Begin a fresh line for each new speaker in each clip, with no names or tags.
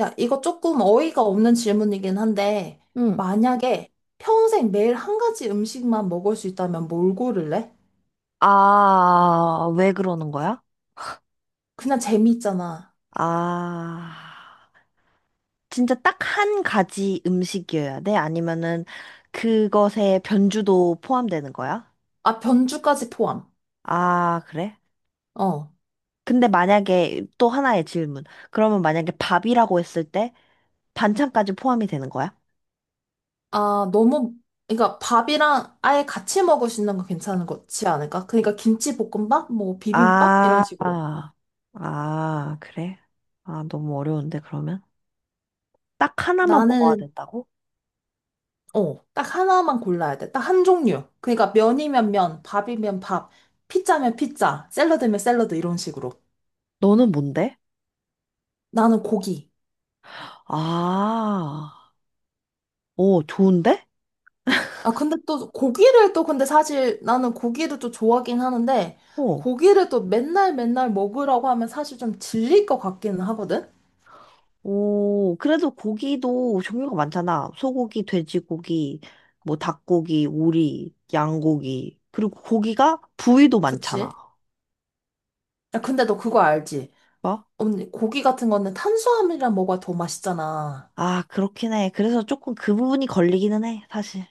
야, 이거 조금 어이가 없는 질문이긴 한데,
응.
만약에 평생 매일 한 가지 음식만 먹을 수 있다면 뭘 고를래?
아, 왜 그러는 거야?
그냥 재미있잖아.
아, 진짜 딱 한 가지 음식이어야 돼? 아니면은 그것에 변주도 포함되는 거야?
아, 변주까지 포함.
아, 그래?
어.
근데 만약에 또 하나의 질문. 그러면 만약에 밥이라고 했을 때 반찬까지 포함이 되는 거야?
아, 너무, 그러니까 밥이랑 아예 같이 먹을 수 있는 거 괜찮은 거지 않을까? 그러니까 김치볶음밥, 뭐 비빔밥 이런
아,
식으로.
아, 아, 그래? 아, 너무 어려운데, 그러면? 딱 하나만 먹어야
나는
된다고?
딱 하나만 골라야 돼. 딱 한 종류. 그러니까 면이면 면, 밥이면 밥, 피자면 피자, 샐러드면 샐러드 이런 식으로.
너는 뭔데?
나는 고기.
아, 오, 좋은데?
아, 근데 또 고기를 또 근데 사실 나는 고기를 또 좋아하긴 하는데
어.
고기를 또 맨날 맨날 먹으라고 하면 사실 좀 질릴 것 같기는 하거든?
오, 그래도 고기도 종류가 많잖아. 소고기, 돼지고기, 뭐 닭고기, 오리, 양고기. 그리고 고기가 부위도
그치?
많잖아.
야, 근데 너 그거 알지?
뭐?
언니, 고기 같은 거는 탄수화물이랑 먹어야 더 맛있잖아.
아, 그렇긴 해. 그래서 조금 그 부분이 걸리기는 해, 사실.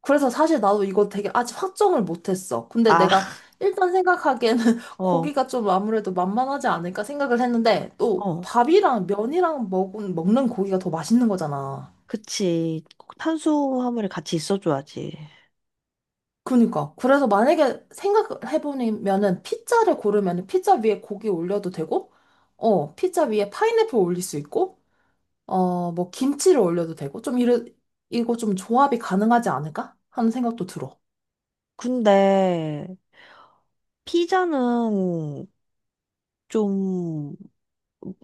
그래서 사실 나도 이거 되게 아직 확정을 못했어. 근데
아,
내가 일단 생각하기에는
어,
고기가 좀 아무래도 만만하지 않을까 생각을 했는데 또
어.
밥이랑 면이랑 먹는 고기가 더 맛있는 거잖아.
그치. 꼭 탄수화물이 같이 있어줘야지.
그니까. 그래서 만약에 생각해보면은 피자를 고르면은 피자 위에 고기 올려도 되고, 피자 위에 파인애플 올릴 수 있고, 어, 뭐 김치를 올려도 되고, 이거 좀 조합이 가능하지 않을까 하는 생각도 들어.
근데 피자는 좀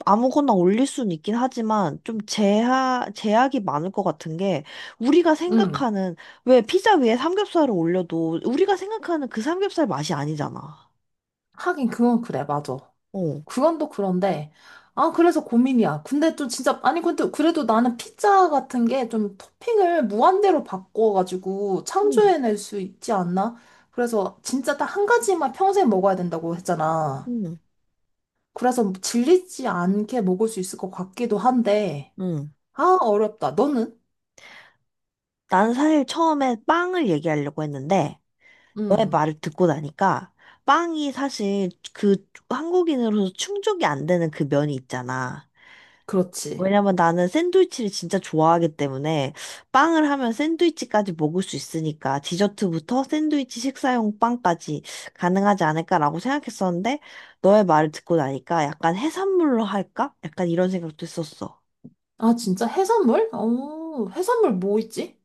아무거나 올릴 수는 있긴 하지만 좀 제약이 많을 것 같은 게 우리가
음
생각하는 왜 피자 위에 삼겹살을 올려도 우리가 생각하는 그 삼겹살 맛이 아니잖아.
하긴 그건 그래, 맞아.
어.
그건 또 그런데, 아, 그래서 고민이야. 근데 좀 진짜, 아니, 근데 그래도 나는 피자 같은 게 좀 토핑을 무한대로 바꿔가지고
응,
창조해낼 수 있지 않나? 그래서 진짜 딱 한 가지만 평생 먹어야 된다고 했잖아.
응.
그래서 질리지 않게 먹을 수 있을 것 같기도 한데,
음.
아, 어렵다. 너는?
난 사실 처음에 빵을 얘기하려고 했는데 너의
음,
말을 듣고 나니까 빵이 사실 그 한국인으로서 충족이 안 되는 그 면이 있잖아.
그렇지.
왜냐면 나는 샌드위치를 진짜 좋아하기 때문에 빵을 하면 샌드위치까지 먹을 수 있으니까 디저트부터 샌드위치 식사용 빵까지 가능하지 않을까라고 생각했었는데 너의 말을 듣고 나니까 약간 해산물로 할까? 약간 이런 생각도 했었어.
아, 진짜 해산물? 어, 해산물 뭐 있지?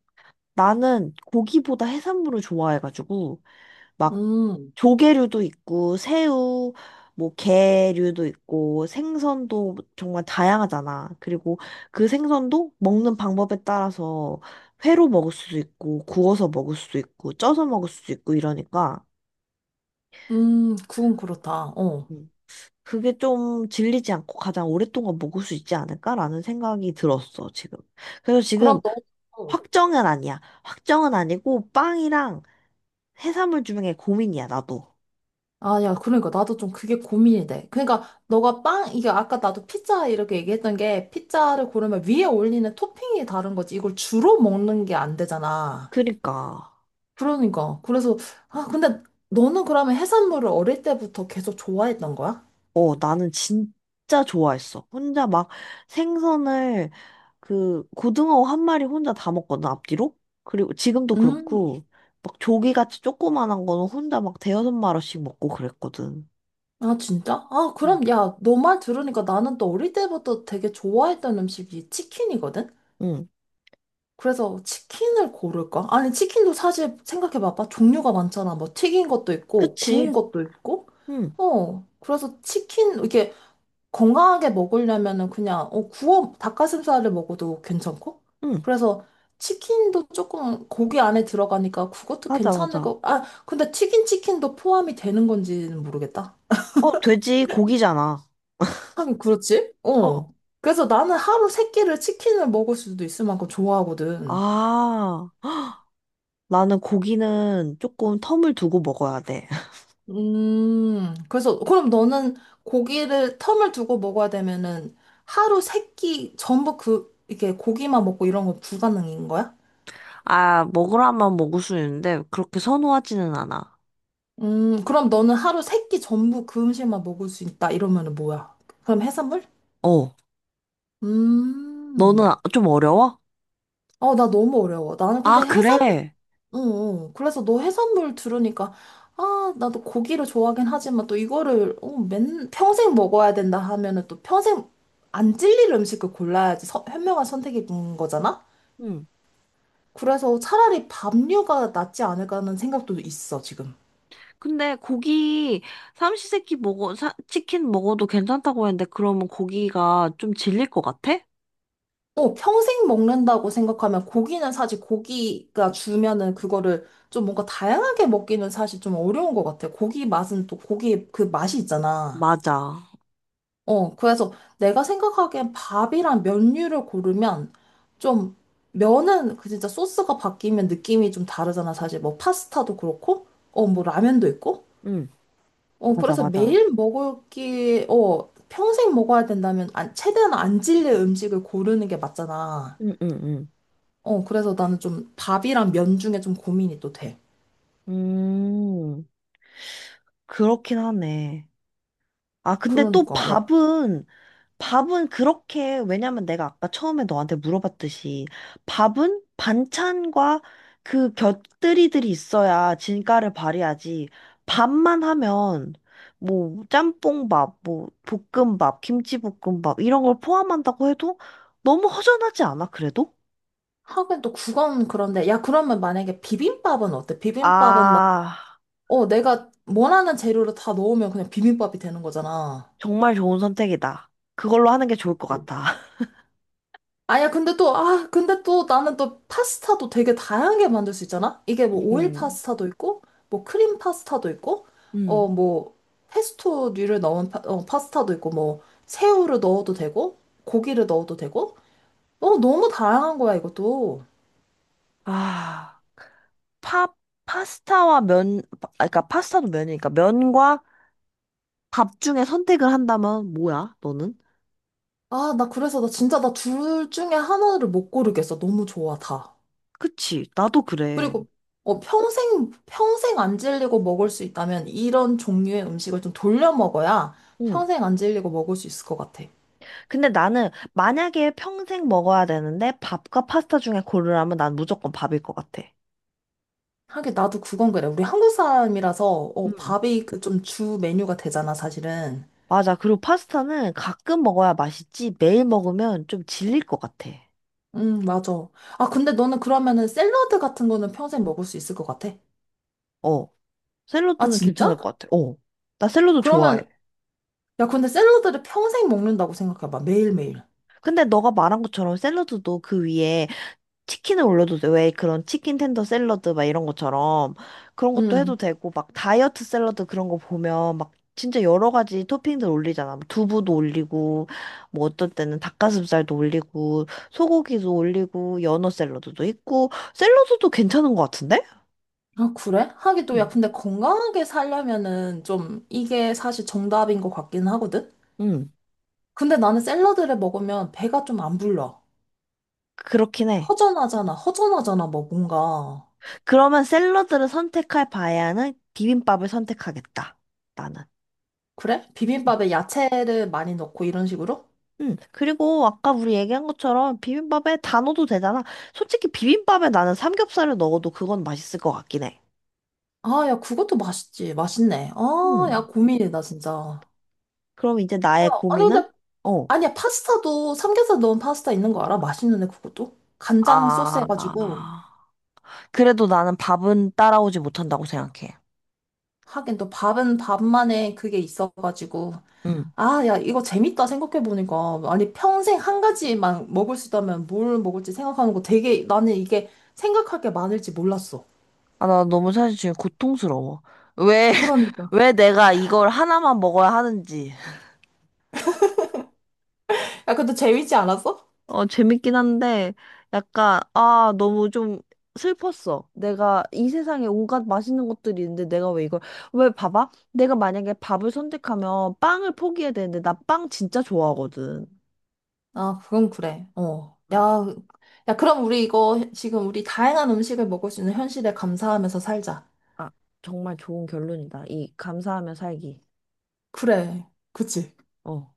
나는 고기보다 해산물을 좋아해가지고 막
음,
조개류도 있고 새우, 뭐 게류도 있고 생선도 정말 다양하잖아. 그리고 그 생선도 먹는 방법에 따라서 회로 먹을 수도 있고 구워서 먹을 수도 있고 쪄서 먹을 수도 있고 이러니까
그건 그렇다. 어.
음, 그게 좀 질리지 않고 가장 오랫동안 먹을 수 있지 않을까라는 생각이 들었어, 지금. 그래서
그럼
지금
너, 어.
확정은 아니야. 확정은 아니고 빵이랑 해산물 중에 고민이야, 나도.
아, 야, 그러니까 나도 좀 그게 고민이 돼. 그러니까 너가 빵, 이게 아까 나도 피자 이렇게 얘기했던 게 피자를 고르면 위에 올리는 토핑이 다른 거지. 이걸 주로 먹는 게 안 되잖아.
그니까.
그러니까. 그래서, 아, 근데 너는 그러면 해산물을 어릴 때부터 계속 좋아했던 거야?
어, 나는 진짜 좋아했어. 혼자 막 생선을 그 고등어 한 마리 혼자 다 먹거든, 앞뒤로. 그리고 지금도
음,
그렇고, 막 조기같이 조그만한 거는 혼자 막 대여섯 마리씩 먹고 그랬거든.
아, 진짜? 아,
응,
그럼 야, 너 말 들으니까 나는 또 어릴 때부터 되게 좋아했던 음식이 치킨이거든?
응,
그래서 치킨을 고를까? 아니, 치킨도 사실 생각해봐봐. 종류가 많잖아. 뭐 튀긴 것도 있고, 구운
그치.
것도 있고.
응,
어, 그래서 치킨, 이게 건강하게 먹으려면은 그냥, 닭가슴살을 먹어도 괜찮고.
응,
그래서 치킨도 조금 고기 안에 들어가니까 그것도
맞아,
괜찮을
맞아.
거. 아, 근데 튀긴 치킨도 포함이 되는 건지는 모르겠다.
어, 돼지 고기잖아.
하긴 그렇지?
어,
어. 그래서 나는 하루 세 끼를 치킨을 먹을 수도 있을 만큼 좋아하거든.
아, 나는 고기는 조금 텀을 두고 먹어야 돼.
그래서, 그럼 너는 고기를 텀을 두고 먹어야 되면은 하루 세끼 전부 그, 이게 고기만 먹고 이런 건 불가능인 거야?
아, 먹으라면 먹을 수 있는데 그렇게 선호하지는 않아.
그럼 너는 하루 세끼 전부 그 음식만 먹을 수 있다 이러면은 뭐야? 그럼 해산물?
어, 너는
음,
아, 좀 어려워?
어, 나 너무 어려워. 나는
아,
근데 해산물
그래.
응, 응. 그래서 너 해산물 들으니까, 아, 나도 고기를 좋아하긴 하지만 또 이거를, 평생 먹어야 된다 하면은 또 평생 안 질릴 음식을 골라야지 현명한 선택인 거잖아?
응.
그래서 차라리 밥류가 낫지 않을까 하는 생각도 있어, 지금.
근데 고기 삼시세끼 먹어, 치킨 먹어도 괜찮다고 했는데 그러면 고기가 좀 질릴 것 같아?
어, 평생 먹는다고 생각하면 고기는 사실 고기가 주면은 그거를 좀 뭔가 다양하게 먹기는 사실 좀 어려운 것 같아. 고기 맛은 또 고기의 그 맛이 있잖아.
맞아.
어, 그래서 내가 생각하기엔 밥이랑 면류를 고르면 좀 면은 그 진짜 소스가 바뀌면 느낌이 좀 다르잖아. 사실 뭐 파스타도 그렇고, 어, 뭐 라면도 있고.
응.
어,
맞아,
그래서
맞아.
어, 평생 먹어야 된다면 안, 최대한 안 질릴 음식을 고르는 게 맞잖아.
응, 응, 응.
어, 그래서 나는 좀 밥이랑 면 중에 좀 고민이 또 돼.
음, 그렇긴 하네. 아, 근데 또
그러니까, 야,
밥은 그렇게, 왜냐면 내가 아까 처음에 너한테 물어봤듯이, 밥은 반찬과 그 곁들이들이 있어야 진가를 발휘하지. 밥만 하면, 뭐, 짬뽕밥, 뭐, 볶음밥, 김치볶음밥, 이런 걸 포함한다고 해도 너무 허전하지 않아, 그래도?
하긴 또 국은 그런데, 야, 그러면 만약에 비빔밥은 어때? 비빔밥은
아,
어, 내가 원하는 재료를 다 넣으면 그냥 비빔밥이 되는 거잖아.
정말 좋은 선택이다. 그걸로 하는 게 좋을 것
그
같아.
근데 또, 아, 근데 또 나는 또 파스타도 되게 다양하게 만들 수 있잖아? 이게 뭐 오일
음,
파스타도 있고, 뭐 크림 파스타도 있고, 어,
음.
뭐, 페스토류를 넣은 파스타도 있고, 뭐, 새우를 넣어도 되고, 고기를 넣어도 되고, 어, 너무 다양한 거야, 이것도.
아. 파, 파스타와 면, 아, 그러니까 파스타도 면이니까 면과 밥 중에 선택을 한다면 뭐야, 너는?
아, 나 그래서 나 진짜 나 둘 중에 하나를 못 고르겠어. 너무 좋아, 다.
그치, 나도 그래.
그리고 어, 평생, 평생 안 질리고 먹을 수 있다면 이런 종류의 음식을 좀 돌려 먹어야
응.
평생 안 질리고 먹을 수 있을 것 같아.
근데 나는 만약에 평생 먹어야 되는데 밥과 파스타 중에 고르라면 난 무조건 밥일 것 같아.
하긴 나도 그건 그래. 우리 한국 사람이라서 어,
응.
밥이 그 좀 주 메뉴가 되잖아, 사실은.
맞아. 그리고 파스타는 가끔 먹어야 맛있지 매일 먹으면 좀 질릴 것 같아.
응 맞아. 아, 근데 너는 그러면은 샐러드 같은 거는 평생 먹을 수 있을 것 같아?
어.
아,
샐러드는
진짜?
괜찮을 것 같아. 어. 나 샐러드
그러면,
좋아해.
야, 근데 샐러드를 평생 먹는다고 생각해봐. 매일매일.
근데 너가 말한 것처럼 샐러드도 그 위에 치킨을 올려도 돼. 왜 그런 치킨 텐더 샐러드 막 이런 것처럼 그런 것도 해도
응.
되고 막 다이어트 샐러드 그런 거 보면 막 진짜 여러 가지 토핑들 올리잖아. 뭐 두부도 올리고 뭐 어떤 때는 닭가슴살도 올리고 소고기도 올리고 연어 샐러드도 있고 샐러드도 괜찮은 것 같은데?
아, 그래? 하긴 또, 야,
응.
근데 건강하게 살려면은 좀 이게 사실 정답인 것 같긴 하거든?
응.
근데 나는 샐러드를 먹으면 배가 좀 안 불러.
그렇긴 해.
허전하잖아, 뭐 뭔가.
그러면 샐러드를 선택할 바에는 비빔밥을 선택하겠다. 나는.
그래? 비빔밥에 야채를 많이 넣고 이런 식으로?
응. 그리고 아까 우리 얘기한 것처럼 비빔밥에 다 넣어도 되잖아. 솔직히 비빔밥에 나는 삼겹살을 넣어도 그건 맛있을 것 같긴 해.
아, 야, 그것도 맛있지. 맛있네. 아, 야,
음.
고민이다, 진짜.
그럼 이제
야,
나의
아니,
고민은?
근데,
어.
아니야, 파스타도 삼겹살 넣은 파스타 있는 거 알아? 맛있는데, 그것도? 간장 소스 해가지고.
아, 그래도 나는 밥은 따라오지 못한다고 생각해.
하긴 또 밥은 밥만의 그게 있어가지고.
응.
아, 야, 이거 재밌다 생각해보니까. 아니, 평생 한 가지만 먹을 수 있다면 뭘 먹을지 생각하는 거 되게 나는 이게 생각할 게 많을지 몰랐어.
아, 나 너무 사실 지금 고통스러워. 왜,
그러니까.
왜 내가 이걸 하나만 먹어야 하는지.
야, 근데 재밌지 않았어?
어, 재밌긴 한데, 약간, 아, 너무 좀 슬펐어. 내가 이 세상에 온갖 맛있는 것들이 있는데 내가 왜 이걸, 왜 봐봐? 내가 만약에 밥을 선택하면 빵을 포기해야 되는데, 나 빵 진짜 좋아하거든.
아, 그건 그래. 어.
음.
야, 야, 그럼 우리 이거 지금 우리 다양한 음식을 먹을 수 있는 현실에 감사하면서 살자.
아, 정말 좋은 결론이다. 이 감사하며 살기.
그래. 그치?
어.